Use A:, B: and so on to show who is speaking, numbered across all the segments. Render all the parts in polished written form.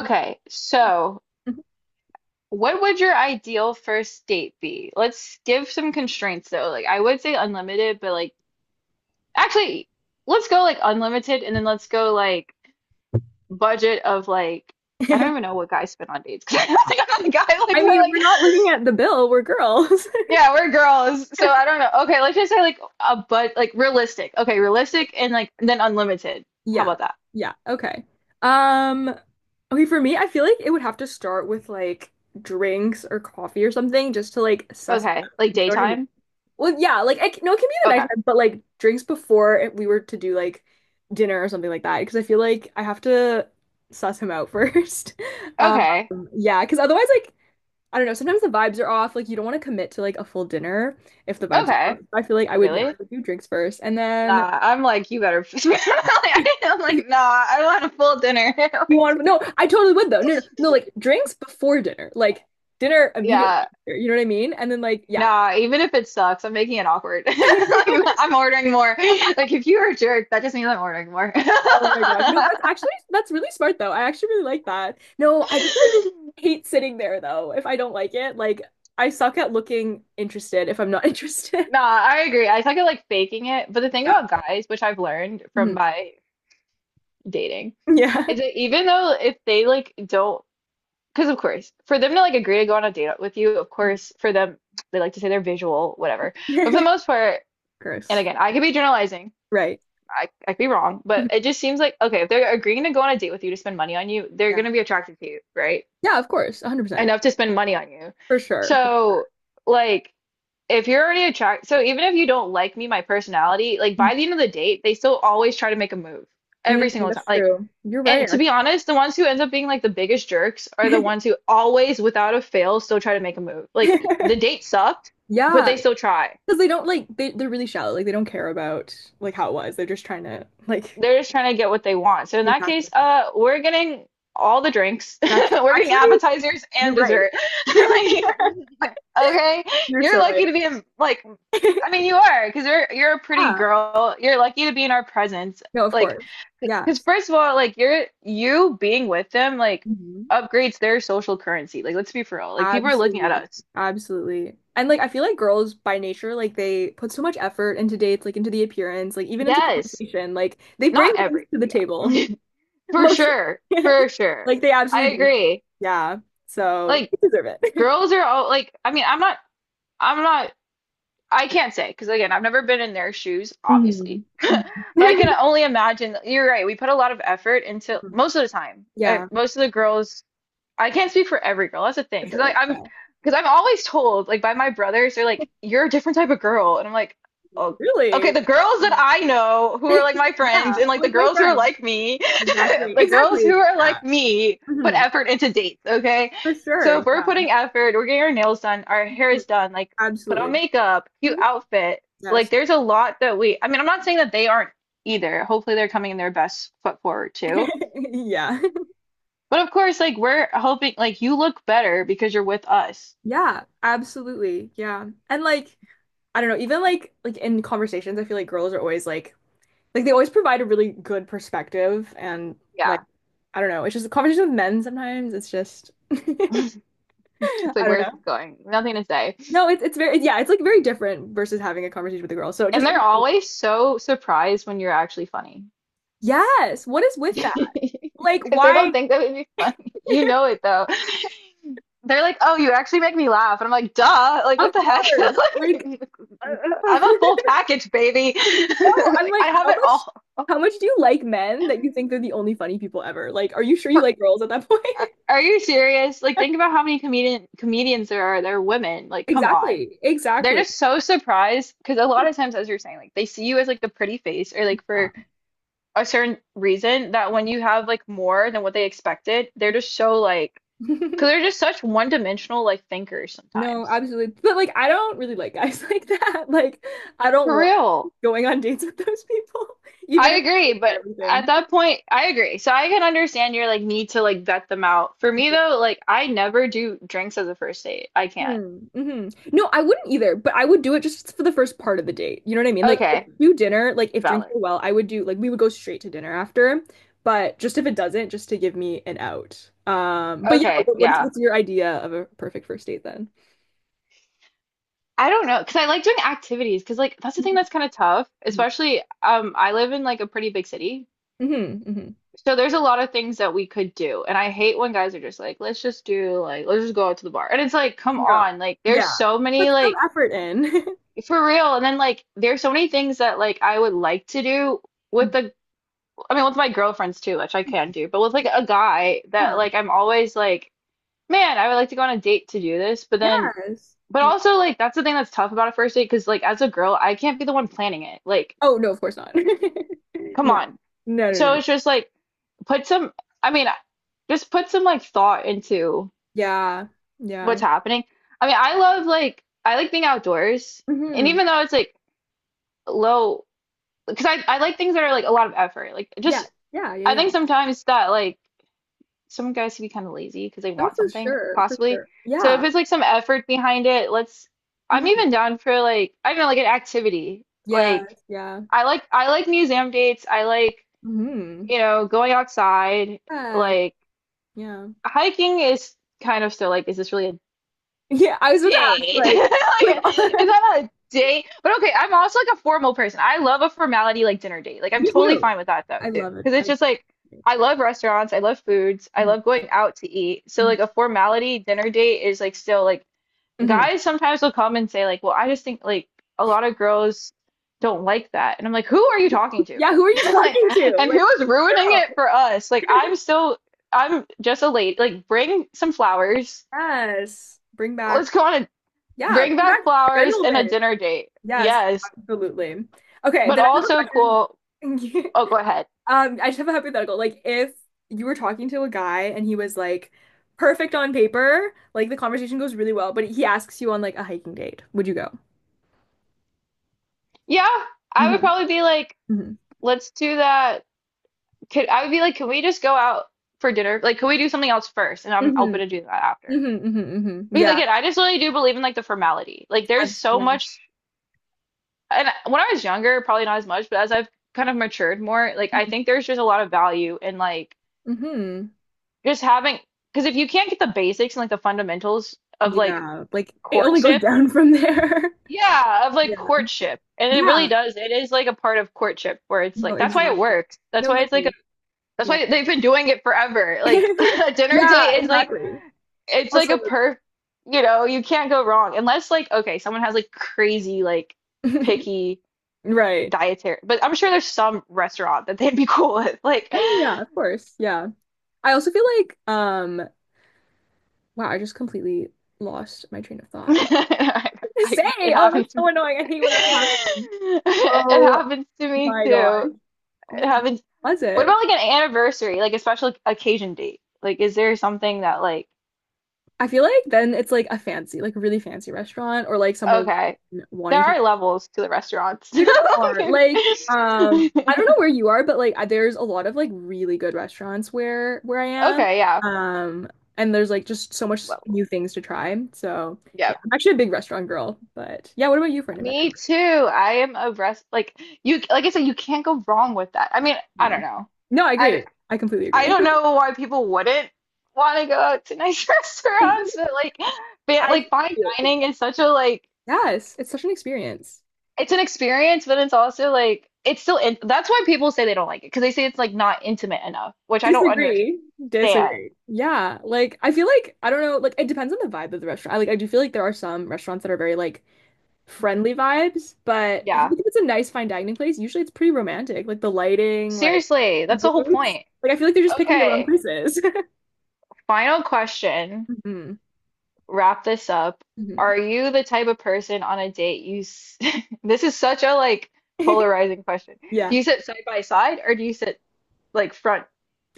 A: Mhm.
B: so what would your ideal first date be? Let's give some constraints though. Like I would say unlimited, but like actually, let's go like unlimited and then let's go like budget of like I don't even know what guys spend on dates 'cause I don't think I'm not a guy like
A: I
B: we're
A: mean, we're
B: like
A: not looking at the bill, we're girls.
B: yeah, we're girls. So I don't know. Okay, let's just say like a but like realistic. Okay, realistic and then unlimited. How
A: Yeah.
B: about that?
A: Yeah. Okay. Um, okay, for me, I feel like it would have to start with like drinks or coffee or something, just to like suss it out.
B: Okay, like
A: You know what I mean?
B: daytime?
A: Well, yeah, like I c no, it can be the
B: Okay.
A: nighttime, but like drinks before we were to do like dinner or something like that, because I feel like I have to suss him out first. Um,
B: Okay.
A: yeah, because otherwise, like I don't know, sometimes the vibes are off. Like you don't want to commit to like a full dinner if the vibes are off.
B: Okay.
A: I feel like I would, yeah, I
B: Really?
A: would do drinks first, and then
B: Nah, I'm like, you better. I'm like, nah, I want a full dinner.
A: you
B: Like,
A: want no, I totally would though. No, no, no, like drinks before dinner, like dinner immediately.
B: yeah,
A: After, you know what I mean? And then like yeah.
B: nah, even if it sucks, I'm making it awkward. Like, I'm ordering more. Like, if you're a jerk, that just means I'm ordering more.
A: Oh my God. No, that's actually that's really smart though. I actually really like that. No, I just like hate sitting there though if I don't like it. Like I suck at looking interested if I'm not interested.
B: Nah, I agree. I think I like faking it. But the thing
A: Yeah.
B: about guys, which I've learned from
A: Mhm.
B: my dating,
A: Yeah.
B: is that even though if they like don't, because of course, for them to like agree to go on a date with you, of course, for them, they like to say they're visual, whatever. But for the most part, and
A: Gross.
B: again, I could be generalizing.
A: Right.
B: I could be wrong, but
A: Mhm.
B: it just seems like okay, if they're agreeing to go on a date with you to spend money on you, they're
A: Yeah.
B: gonna be attracted to you, right?
A: Yeah, of course. 100%.
B: Enough to spend money on you.
A: For sure. For-
B: So, like, if you're already attract, so even if you don't like me, my personality, like by the end of the date, they still always try to make a move
A: Mm,
B: every single time.
A: that's
B: Like,
A: true. You're
B: and
A: right,
B: to be honest, the ones who end up being like the biggest jerks are the
A: actually.
B: ones who always, without a fail, still try to make a move. Like the date sucked, but
A: Yeah,
B: they still try.
A: because they're really shallow. Like they don't care about like how it was. They're just trying to like
B: They're just trying to get what they want. So in that case,
A: exactly.
B: we're getting all the drinks.
A: That's
B: We're getting
A: actually,
B: appetizers
A: you're
B: and
A: right.
B: dessert. Like, okay,
A: You're so
B: you're lucky
A: right.
B: to be in like I mean you are because you're a pretty
A: Yeah.
B: girl. You're lucky to be in our presence.
A: No, of
B: Like,
A: course.
B: because
A: Yes.
B: first of all, like you being with them like
A: Mhm.
B: upgrades their social currency. Like, let's be for real. Like people are looking at
A: Absolutely.
B: us.
A: Absolutely. And like I feel like girls by nature, like they put so much effort into dates, like into the appearance, like even into
B: Yes,
A: conversation. Like they bring
B: not
A: things
B: every
A: to the table.
B: yeah, for
A: Mostly.
B: sure, for sure.
A: Like they
B: I
A: absolutely bring.
B: agree.
A: Yeah. So
B: Like
A: we deserve it.
B: Girls are all like, I mean, I'm not, I can't say because again, I've never been in their shoes,
A: hmm
B: obviously. But I can only imagine, you're right, we put a lot of effort into most of the time.
A: Yeah,
B: Most of the girls I can't speak for every girl. That's a
A: for
B: thing. Because like
A: sure.
B: I'm,
A: Yeah.
B: because I'm always told like by my brothers, they're like, "You're a different type of girl," and I'm like, "Oh, okay."
A: Really?
B: The girls that
A: Oh.
B: I know who are like my friends,
A: Yeah.
B: and like the
A: Like my
B: girls who are
A: friend.
B: like me,
A: Exactly.
B: the girls who
A: Exactly.
B: are
A: Yeah.
B: like me put
A: hmm
B: effort into dates. Okay,
A: For
B: so
A: sure.
B: if we're
A: Yeah.
B: putting effort, we're getting our nails done, our hair
A: Hmm,
B: is done, like put on
A: absolutely.
B: makeup, cute
A: Mhm.
B: outfit. Like
A: Yes.
B: there's a lot that we. I mean, I'm not saying that they aren't either. Hopefully, they're coming in their best foot forward too
A: Yeah.
B: but of course, like we're hoping like you look better because you're with us.
A: Yeah, absolutely. Yeah. And like, I don't know, even like in conversations, I feel like girls are always like they always provide a really good perspective and like
B: Yeah.
A: I don't know, it's just a conversation with men sometimes. It's just I
B: It's like,
A: don't
B: where is
A: know.
B: this going? Nothing to say.
A: No, it's very yeah, it's like very different versus having a conversation with a girl. So
B: And
A: just
B: they're always so surprised when you're actually funny.
A: yes, what is with that? Like
B: Because they don't
A: why?
B: think that would be funny. You know it though. They're like, oh, you actually make me laugh. And I'm like, duh. Like, what
A: Of
B: the heck?
A: course. Like
B: Like, I'm a full package, baby.
A: no, I'm
B: Like, I
A: like,
B: have it all.
A: how much do you like men that you think they're the only funny people ever? Like, are you sure you
B: For-
A: like girls at that point?
B: Are you serious? Like, think about how many comedians there are. They're women. Like, come on.
A: Exactly.
B: They're
A: Exactly.
B: just so surprised because a lot of times, as you're saying, like they see you as like a pretty face or like
A: Yeah.
B: for a certain reason that when you have like more than what they expected, they're just so like because they're just such one-dimensional like thinkers
A: No,
B: sometimes.
A: absolutely. But like I don't really like guys like that. Like I don't
B: For
A: want
B: real.
A: going on dates with those people, even
B: I
A: if
B: agree,
A: it's for
B: but at
A: everything.
B: that point, I agree. So I can understand your like need to like vet them out. For me though, like I never do drinks as a first date. I can't.
A: Hmm. hmm No, I wouldn't either, but I would do it just for the first part of the date. You know what I mean? Like, I
B: Okay,
A: would do dinner, like, if drinks
B: valid.
A: go well, I would do, like, we would go straight to dinner after, but just if it doesn't, just to give me an out. But yeah,
B: Okay, yeah.
A: what's your idea of a perfect first date then?
B: I don't know, because I like doing activities, because like that's the thing that's kind of tough,
A: Mm-hmm.
B: especially I live in like a pretty big city.
A: hmm
B: So there's a lot of things that we could do. And I hate when guys are just like, let's just do like let's just go out to the bar. And it's like, come
A: No.
B: on, like there's
A: Yeah.
B: so many
A: Put some
B: like
A: effort in.
B: for real. And then like there's so many things that like I would like to do with the I mean with my girlfriends too, which I can do, but with like a guy that
A: Yeah.
B: like I'm always like, man, I would like to go on a date to do this, but then
A: Yes.
B: But
A: Yeah.
B: also, like, that's the thing that's tough about a first date because, like, as a girl, I can't be the one planning it. Like,
A: Oh, no, of course not.
B: come
A: No.
B: on.
A: No, no,
B: So
A: no.
B: it's just like, put some, I mean, just put some, like, thought into
A: Yeah.
B: what's
A: Yeah.
B: happening. I mean, I love, like, I like being outdoors. And
A: hmm
B: even though it's, like, low, because I like things that are, like, a lot of effort. Like, just,
A: Yeah. Yeah. Yeah.
B: I
A: Yeah.
B: think sometimes that, like, some guys can be kind of lazy because they
A: Oh,
B: want
A: for
B: something,
A: sure, for
B: possibly.
A: sure.
B: So
A: Yeah.
B: if it's, like, some effort behind it, let's, I'm
A: hmm
B: even down for, like, I don't know, like, an activity. Like,
A: Yes, yeah.
B: I like museum dates. I like,
A: hmm
B: you know, going outside.
A: Yeah,
B: Like
A: yeah.
B: hiking is kind of still like, is this really a
A: Yeah, I was about to ask,
B: date?
A: like,
B: Like, is
A: like,
B: that a date? But okay, I'm also like a formal person. I love a formality like dinner date. Like I'm
A: me
B: totally
A: too.
B: fine with that though
A: I
B: too.
A: love it.
B: Because it's
A: I
B: just like I love restaurants, I love foods, I
A: Mhm,
B: love going out to eat. So
A: mhm,
B: like a formality dinner date is like still like
A: mhm.
B: guys sometimes will come and say like, "Well, I just think like a lot of girls don't like that," and I'm like, "Who are you talking to?"
A: Yeah, who are you
B: Like,
A: talking to?
B: and
A: Like,
B: who is ruining
A: girl.
B: it for us? Like, I'm still, I'm just a lady. Like, bring some flowers.
A: Yes. Bring
B: Let's
A: back,
B: go on a
A: yeah,
B: bring
A: bring back
B: back flowers and a
A: gentlemen.
B: dinner date.
A: Yes,
B: Yes,
A: absolutely. Okay,
B: but
A: then I have a
B: also
A: question.
B: cool. Oh, go ahead.
A: I just have a hypothetical. Like, if you were talking to a guy and he was like perfect on paper, like the conversation goes really well, but he asks you on like a hiking date, would you go?
B: Yeah, I would
A: Hmm
B: probably be like,
A: hmm
B: let's do that. Could I would be like, can we just go out for dinner? Like, can we do something else first? And I'm
A: hmm
B: open to do that after.
A: hmm hmm hmm
B: Because
A: Yeah,
B: again, I just really do believe in like the formality. Like there's so
A: yeah.
B: much, and when I was younger, probably not as much, but as I've kind of matured more, like I think there's just a lot of value in like
A: hmm
B: just having, because if you can't get the basics and like the fundamentals of like
A: Yeah, like it only goes
B: courtship,
A: down from there.
B: yeah, of like
A: Yeah.
B: courtship, and it really
A: Yeah.
B: does. It is like a part of courtship where it's
A: No,
B: like that's why it
A: exactly.
B: works. That's
A: No,
B: why it's like a,
A: exactly.
B: that's
A: Yeah.
B: why they've been doing it forever. Like a dinner
A: Yeah,
B: date is like
A: exactly.
B: it's like
A: Also,
B: a perf you know you can't go wrong unless like okay someone has like crazy like picky
A: right.
B: dietary but I'm sure there's some restaurant that they'd be cool with like
A: Right, yeah, of course. Yeah. I also feel like wow, I just completely lost my train of thought. I
B: I,
A: to say,
B: it
A: oh, that's
B: happens to
A: so
B: me
A: annoying. I hate when that happens.
B: it
A: Oh
B: happens to me
A: my gosh.
B: too
A: Oh
B: it
A: my God.
B: happens
A: Was
B: what
A: it?
B: about like an anniversary like a special occasion date like is there something that like
A: I feel like then it's like a fancy, like a really fancy restaurant or like somewhere
B: okay there
A: wanting to.
B: are levels to the restaurants
A: There definitely are. Like, I don't know where you are, but like there's a lot of like really good restaurants where I am.
B: okay yeah
A: Um, and there's like just so much
B: levels
A: new things to try. So
B: yeah
A: yeah, I'm actually a big restaurant girl. But yeah, what about you for an event?
B: Me too. I am a rest like you like I said, you can't go wrong with that. I mean, I don't
A: No.
B: know.
A: No, I
B: I
A: agree. I completely
B: I
A: agree.
B: don't know why people wouldn't want to go out to nice restaurants, but
A: I
B: like fine dining is such a like
A: yes, it's such an experience.
B: it's an experience, but it's also like it's still in that's why people say they don't like it because they say it's like not intimate enough, which I don't
A: Disagree.
B: understand.
A: Disagree. Yeah, like I feel like I don't know, like it depends on the vibe of the restaurant. I do feel like there are some restaurants that are very like friendly vibes, but I feel
B: Yeah.
A: like if it's a nice fine dining place, usually it's pretty romantic. Like the lighting, like
B: Seriously,
A: the
B: that's the whole
A: booths.
B: point.
A: Like I feel like they're just picking the wrong
B: Okay.
A: places.
B: Final question.
A: hmm
B: Wrap this up.
A: hmm
B: Are you the type of person on a date you s- this is such a like polarizing question. Do
A: Yeah.
B: you sit side by side or do you sit like front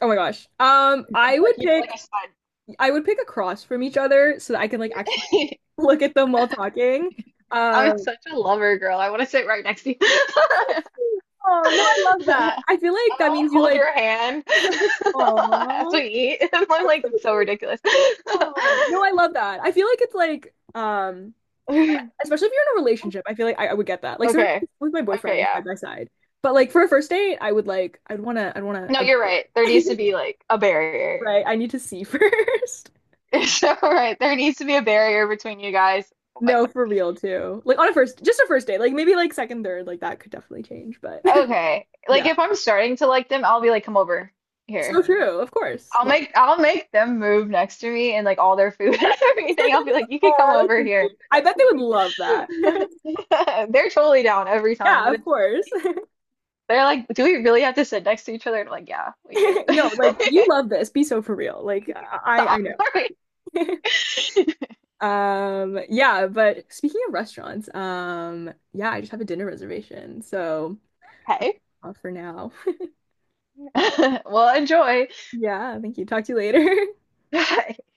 A: Oh my gosh.
B: like you know like a side?
A: I would pick across from each other so that I could like actually look at them while talking.
B: I'm
A: Um,
B: such a lover girl. I want to sit right next to you.
A: oh no, I love that.
B: I
A: I feel like that
B: want to
A: means you
B: hold
A: like,
B: your hand as we
A: oh,
B: eat. I'm
A: that's
B: like
A: so
B: so
A: cute.
B: ridiculous.
A: Oh no, I love that. I feel like it's like, especially if you're in a relationship, I feel like I would get that. Like sometimes
B: Okay.
A: with my
B: Okay,
A: boyfriend
B: yeah.
A: side by side, but like for a first date, I would like, I'd wanna,
B: No, you're right. There needs to be like a barrier.
A: right? I need to see first.
B: So, right, there needs to be a barrier between you guys. Like,
A: No, for real too. Like on a just a first date. Like maybe like second, third, like that could definitely change, but
B: okay. Like
A: yeah.
B: if I'm starting to like them, I'll be like, come over
A: So
B: here.
A: true, of course. Like,
B: I'll make them move next to me and like all their food and everything. I'll be like, you could come
A: oh, that's
B: over
A: so
B: here
A: cute.
B: and sit
A: I bet they would love that.
B: next to me. They're totally down every time,
A: Yeah,
B: but
A: of
B: it's
A: course.
B: funny. They're like, do we really have to sit next to each other? And I'm like, yeah, we do.
A: No, like you love this. Be so for real. Like I
B: Stop.
A: know. Yeah, but speaking of restaurants, yeah, I just have a dinner reservation, so I'll have
B: Okay.
A: to off for now.
B: Well, enjoy.
A: Yeah, thank you. Talk to you later.